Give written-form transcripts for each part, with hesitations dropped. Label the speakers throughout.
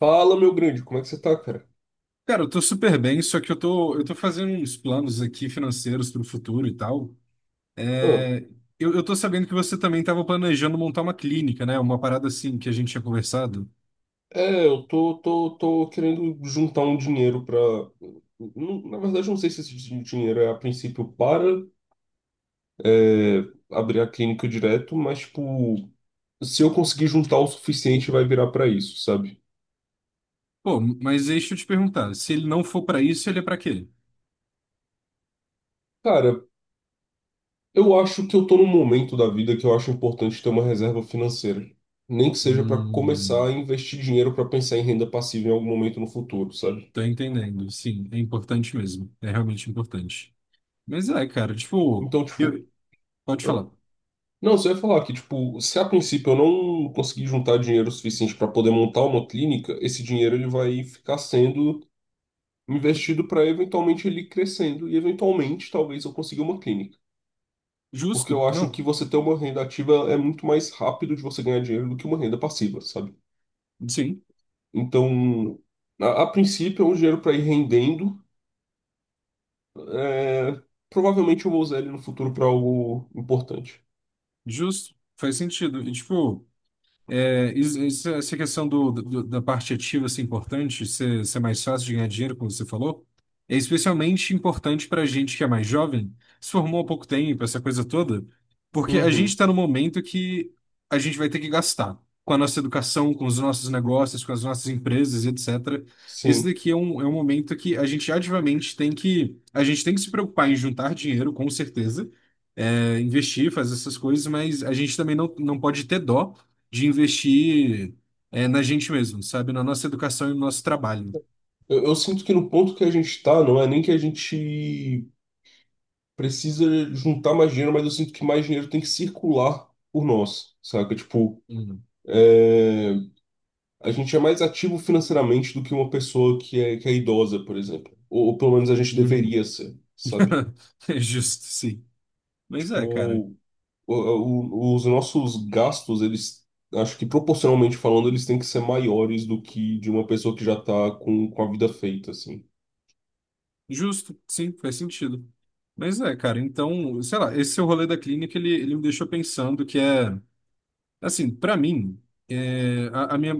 Speaker 1: Fala, meu grande, como é que você tá, cara?
Speaker 2: Cara, eu tô super bem, só que eu tô fazendo uns planos aqui financeiros para o futuro e tal.
Speaker 1: Ah,
Speaker 2: É, eu tô sabendo que você também estava planejando montar uma clínica, né? Uma parada assim que a gente tinha conversado.
Speaker 1: é, eu tô querendo juntar um dinheiro pra. Na verdade, eu não sei se esse dinheiro é a princípio para é, abrir a clínica direto, mas, tipo, se eu conseguir juntar o suficiente, vai virar pra isso, sabe?
Speaker 2: Pô, mas deixa eu te perguntar, se ele não for para isso, ele é para quê?
Speaker 1: Cara, eu acho que eu tô num momento da vida que eu acho importante ter uma reserva financeira. Nem que seja pra começar a
Speaker 2: Hum,
Speaker 1: investir dinheiro pra pensar em renda passiva em algum momento no futuro, sabe?
Speaker 2: Tô entendendo. Sim, é importante mesmo. É realmente importante. Mas é, cara, tipo,
Speaker 1: Então, tipo.
Speaker 2: eu, pode
Speaker 1: Ah,
Speaker 2: falar.
Speaker 1: não, você vai falar que, tipo, se a princípio eu não conseguir juntar dinheiro suficiente para poder montar uma clínica, esse dinheiro ele vai ficar sendo investido para eventualmente ele ir crescendo e eventualmente talvez eu consiga uma clínica. Porque
Speaker 2: Justo?
Speaker 1: eu acho
Speaker 2: Não.
Speaker 1: que você ter uma renda ativa é muito mais rápido de você ganhar dinheiro do que uma renda passiva, sabe?
Speaker 2: Sim,
Speaker 1: Então, a princípio é um dinheiro para ir rendendo. é, provavelmente eu vou usar ele no futuro para algo importante.
Speaker 2: justo. Faz sentido. E, tipo. É, essa questão da parte ativa ser importante, ser mais fácil de ganhar dinheiro, como você falou, é especialmente importante para a gente que é mais jovem, se formou há pouco tempo, essa coisa toda, porque a gente
Speaker 1: Uhum,
Speaker 2: está no momento que a gente vai ter que gastar com a nossa educação, com os nossos negócios, com as nossas empresas, etc. Esse
Speaker 1: sim.
Speaker 2: daqui é um momento que a gente ativamente tem que, a gente tem que se preocupar em juntar dinheiro, com certeza, é, investir, fazer essas coisas, mas a gente também não pode ter dó de investir, é, na gente mesmo, sabe? Na nossa educação e no nosso trabalho.
Speaker 1: Eu sinto que no ponto que a gente tá, não é nem que a gente precisa juntar mais dinheiro, mas eu sinto que mais dinheiro tem que circular por nós, saca? Tipo,
Speaker 2: Uhum.
Speaker 1: é, a gente é mais ativo financeiramente do que uma pessoa que é idosa, por exemplo. Ou pelo menos a gente
Speaker 2: Uhum.
Speaker 1: deveria ser, sabe?
Speaker 2: É justo, sim. Mas
Speaker 1: Tipo,
Speaker 2: é, cara.
Speaker 1: os nossos gastos, eles, acho que proporcionalmente falando, eles têm que ser maiores do que de uma pessoa que já tá com a vida feita, assim.
Speaker 2: Justo, sim, faz sentido. Mas é, cara, então, sei lá, esse seu rolê da clínica, ele me deixou pensando que é. Assim, para mim, é,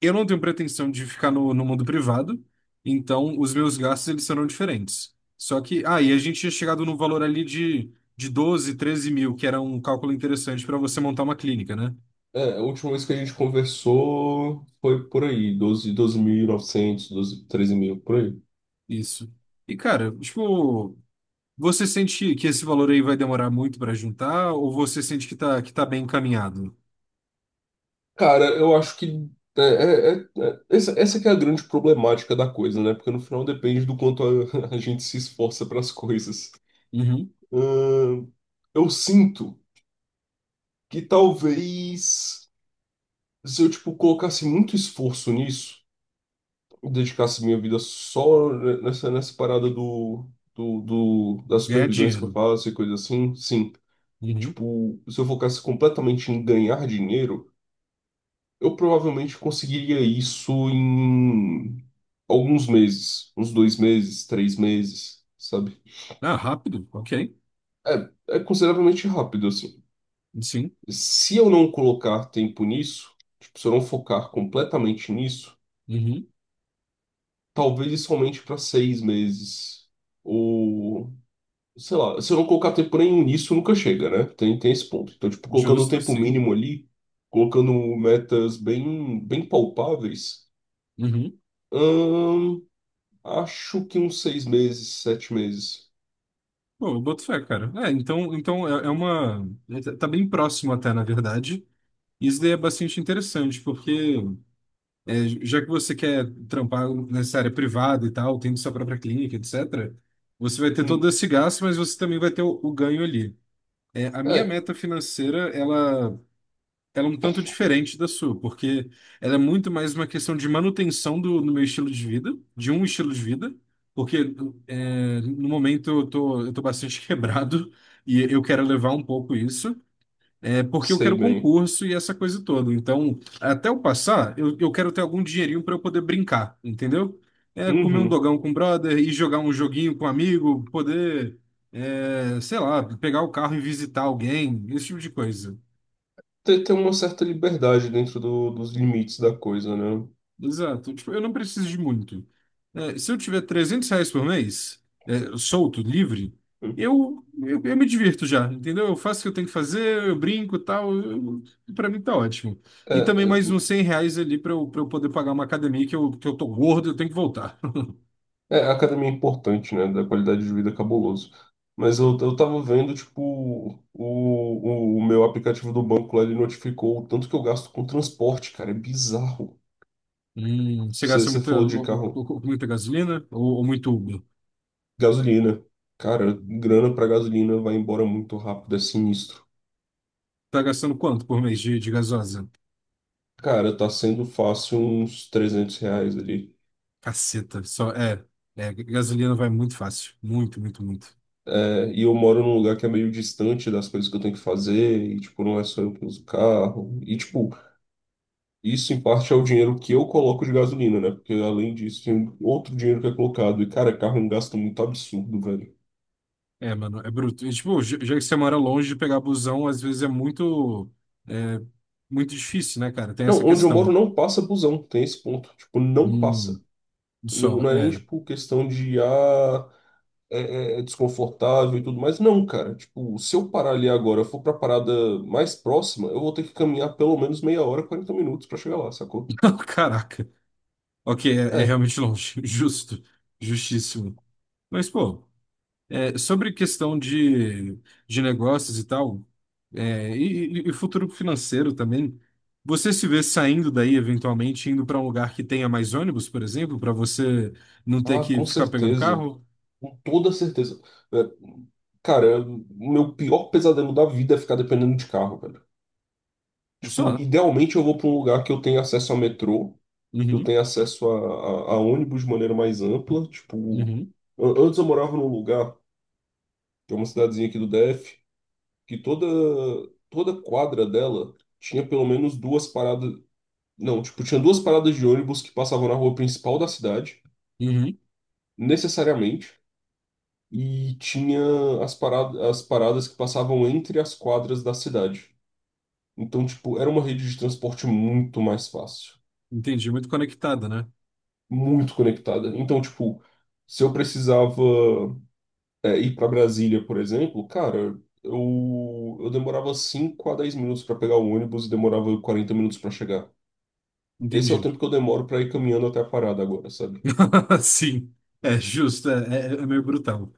Speaker 2: eu não tenho pretensão de ficar no mundo privado, então os meus gastos eles serão diferentes. Só que, ah, e a gente tinha chegado num valor ali de 12 13 mil, que era um cálculo interessante para você montar uma clínica, né?
Speaker 1: É, a última vez que a gente conversou foi por aí, 12, novecentos doze treze mil, por aí.
Speaker 2: Isso. E, cara, tipo, você sente que esse valor aí vai demorar muito para juntar, ou você sente que tá bem encaminhado?
Speaker 1: Cara, eu acho que essa que é a grande problemática da coisa, né? Porque no final depende do quanto a, a gente se esforça para as coisas.
Speaker 2: Uhum.
Speaker 1: Ahn, eu sinto que talvez se eu, tipo, colocasse muito esforço nisso, dedicasse minha vida só nessa parada das
Speaker 2: Ganhar
Speaker 1: supervisões que eu
Speaker 2: dinheiro.
Speaker 1: faço e coisa assim, sim.
Speaker 2: Uhum.
Speaker 1: Tipo, se eu focasse completamente em ganhar dinheiro, eu provavelmente conseguiria isso em alguns meses, uns 2 meses, 3 meses, sabe?
Speaker 2: Ah, rápido, ok.
Speaker 1: É, é consideravelmente rápido, assim.
Speaker 2: Sim.
Speaker 1: Se eu não colocar tempo nisso, tipo, se eu não focar completamente nisso,
Speaker 2: Uhum.
Speaker 1: talvez isso aumente para 6 meses ou sei lá, se eu não colocar tempo nenhum nisso, nunca chega, né? Tem esse ponto. Então, tipo, colocando o
Speaker 2: Justo,
Speaker 1: tempo
Speaker 2: sim.
Speaker 1: mínimo ali, colocando metas bem, bem palpáveis,
Speaker 2: Uhum.
Speaker 1: hum, acho que uns 6 meses, 7 meses.
Speaker 2: Pô, eu boto fé, cara. É, então é, é uma. É, tá bem próximo até, na verdade. Isso daí é bastante interessante, porque é, já que você quer trampar nessa área privada e tal, tendo sua própria clínica, etc., você vai ter todo
Speaker 1: Hum,
Speaker 2: esse gasto, mas você também vai ter o ganho ali. É, a minha
Speaker 1: é,
Speaker 2: meta financeira, ela é um tanto diferente da sua, porque ela é muito mais uma questão de manutenção do meu estilo de vida, de um estilo de vida, porque é, no momento eu tô bastante quebrado e eu quero levar um pouco isso, é, porque eu
Speaker 1: sei
Speaker 2: quero
Speaker 1: bem.
Speaker 2: concurso e essa coisa toda. Então, até eu passar, eu quero ter algum dinheirinho para eu poder brincar, entendeu? É, comer um
Speaker 1: Uhum.
Speaker 2: dogão com o brother e jogar um joguinho com um amigo, poder, é, sei lá, pegar o carro e visitar alguém, esse tipo de coisa.
Speaker 1: Ter uma certa liberdade dentro dos limites da coisa, né?
Speaker 2: Exato. Tipo, eu não preciso de muito. É, se eu tiver R$ 300 por mês, é, solto, livre,
Speaker 1: Hum.
Speaker 2: eu me divirto já, entendeu? Eu faço o que eu tenho que fazer, eu brinco e tal. Eu- pra mim tá ótimo.
Speaker 1: É,
Speaker 2: E também mais
Speaker 1: é.
Speaker 2: uns R$ 100 ali pra eu poder pagar uma academia que eu tô gordo e eu tenho que voltar.
Speaker 1: É, a academia é importante, né? Da qualidade de vida é cabuloso. Mas eu tava vendo, tipo, o meu aplicativo do banco lá, ele notificou o tanto que eu gasto com transporte, cara. É bizarro.
Speaker 2: Você
Speaker 1: Você
Speaker 2: gasta
Speaker 1: você falou de carro.
Speaker 2: muita gasolina ou muito Uber?
Speaker 1: Gasolina. Cara, grana pra gasolina vai embora muito rápido, é sinistro.
Speaker 2: Tá gastando quanto por mês de gasosa?
Speaker 1: Cara, tá sendo fácil uns R$ 300 ali.
Speaker 2: Caceta, só é, é, gasolina vai muito fácil, muito, muito, muito.
Speaker 1: É, e eu moro num lugar que é meio distante das coisas que eu tenho que fazer, e, tipo, não é só eu que uso o carro. E, tipo, isso, em parte, é o dinheiro que eu coloco de gasolina, né? Porque além disso, tem outro dinheiro que é colocado. E, cara, carro é um gasto muito absurdo, velho.
Speaker 2: É, mano, é bruto. E, tipo, já que você mora longe de pegar busão, às vezes é, muito difícil, né, cara? Tem
Speaker 1: Não,
Speaker 2: essa
Speaker 1: onde eu moro
Speaker 2: questão.
Speaker 1: não passa busão, tem esse ponto. Tipo, não
Speaker 2: Hum,
Speaker 1: passa. Não,
Speaker 2: só,
Speaker 1: não é nem,
Speaker 2: é.
Speaker 1: tipo, questão de, é, é desconfortável e tudo mais. Não, cara. Tipo, se eu parar ali agora, eu for pra parada mais próxima, eu vou ter que caminhar pelo menos meia hora, 40 minutos pra chegar lá, sacou?
Speaker 2: Não, caraca. Ok, é, é
Speaker 1: É.
Speaker 2: realmente longe. Justo. Justíssimo. Mas, pô, é, sobre questão de negócios e tal, é, e futuro financeiro também, você se vê saindo daí, eventualmente, indo para um lugar que tenha mais ônibus, por exemplo, para você não ter
Speaker 1: Ah,
Speaker 2: que
Speaker 1: com
Speaker 2: ficar pegando
Speaker 1: certeza.
Speaker 2: carro?
Speaker 1: Com toda certeza. É, cara, o meu pior pesadelo da vida é ficar dependendo de carro, velho. Tipo,
Speaker 2: Só.
Speaker 1: idealmente eu vou pra um lugar que eu tenha acesso a metrô, que eu
Speaker 2: Uhum.
Speaker 1: tenha acesso a ônibus de maneira mais ampla. Tipo,
Speaker 2: Uhum,
Speaker 1: antes eu morava num lugar, que é uma cidadezinha aqui do DF, que toda quadra dela tinha pelo menos duas paradas. Não, tipo, tinha duas paradas de ônibus que passavam na rua principal da cidade,
Speaker 2: uhum.
Speaker 1: necessariamente. E tinha as paradas que passavam entre as quadras da cidade. Então, tipo, era uma rede de transporte muito mais fácil,
Speaker 2: Entendi, muito conectada, né?
Speaker 1: muito conectada. Então, tipo, se eu precisava, ir para Brasília, por exemplo, cara, eu demorava 5 a 10 minutos para pegar o ônibus e demorava 40 minutos para chegar. Esse é o
Speaker 2: Entendi.
Speaker 1: tempo que eu demoro para ir caminhando até a parada agora, sabe?
Speaker 2: Sim, é justo, é é meio brutal.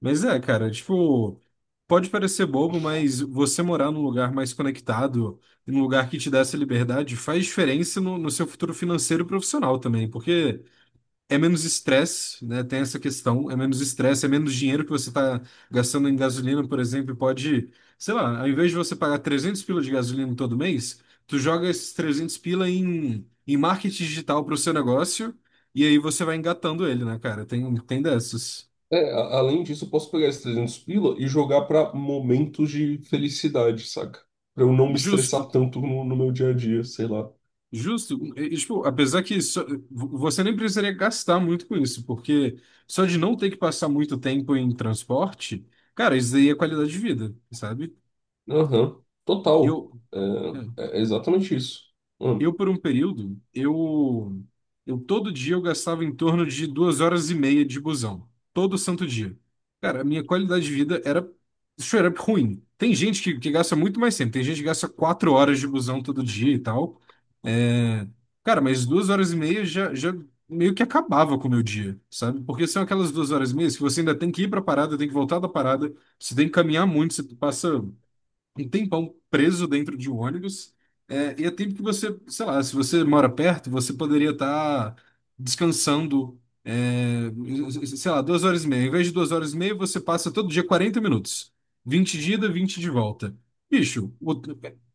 Speaker 2: Mas é, cara, tipo, pode parecer bobo, mas você morar num lugar mais conectado, num lugar que te dá essa liberdade, faz diferença no seu futuro financeiro e profissional também, porque é menos estresse, né? Tem essa questão, é menos estresse, é menos dinheiro que você está gastando em gasolina, por exemplo, e pode, sei lá, ao invés de você pagar 300 pila de gasolina todo mês, tu joga esses 300 pila em marketing digital para o seu negócio e aí você vai engatando ele, né, cara? Tem, tem dessas.
Speaker 1: É, além disso, eu posso pegar esses 300 pila e jogar pra momentos de felicidade, saca? Pra eu não me
Speaker 2: Justo,
Speaker 1: estressar tanto no meu dia a dia, sei lá.
Speaker 2: justo. Tipo, apesar que só- vo- você nem precisaria gastar muito com isso, porque só de não ter que passar muito tempo em transporte, cara, isso daí é qualidade de vida, sabe?
Speaker 1: Aham, total.
Speaker 2: Eu, é,
Speaker 1: É, é exatamente isso. Hum,
Speaker 2: eu por um período, eu todo dia eu gastava em torno de 2 horas e meia de busão, todo santo dia. Cara, a minha qualidade de vida era straight up ruim. Tem gente que gasta muito mais tempo, tem gente que gasta 4 horas de busão todo dia e tal. É, cara, mas 2 horas e meia já meio que acabava com o meu dia, sabe? Porque são aquelas 2 horas e meia que você ainda tem que ir pra parada, tem que voltar da parada, você tem que caminhar muito, você passa um tempão preso dentro de um ônibus. É, e é tempo que você, sei lá, se você mora perto, você poderia estar descansando, é, sei lá, 2 horas e meia. Em vez de 2 horas e meia, você passa todo dia 40 minutos. 20 de ida, 20 de volta. Bicho, o-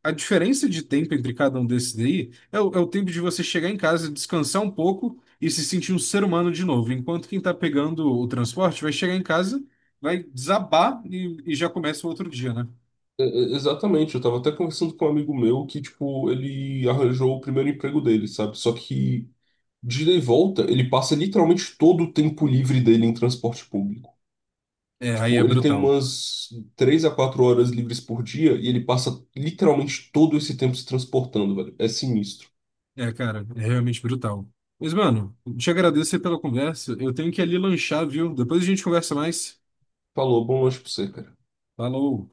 Speaker 2: a diferença de tempo entre cada um desses daí é é o tempo de você chegar em casa, descansar um pouco e se sentir um ser humano de novo. Enquanto quem tá pegando o transporte vai chegar em casa, vai desabar e já começa o outro dia, né?
Speaker 1: é exatamente, eu tava até conversando com um amigo meu que, tipo, ele arranjou o primeiro emprego dele, sabe? Só que de ida e volta, ele passa literalmente todo o tempo livre dele em transporte público.
Speaker 2: É, aí é
Speaker 1: Tipo, ele tem
Speaker 2: brutal.
Speaker 1: umas 3 a 4 horas livres por dia e ele passa literalmente todo esse tempo se transportando, velho. É sinistro.
Speaker 2: É, cara, é realmente brutal. Mas, mano, te agradeço aí pela conversa. Eu tenho que ir ali lanchar, viu? Depois a gente conversa mais.
Speaker 1: Falou, bom lanche pra você, cara.
Speaker 2: Falou!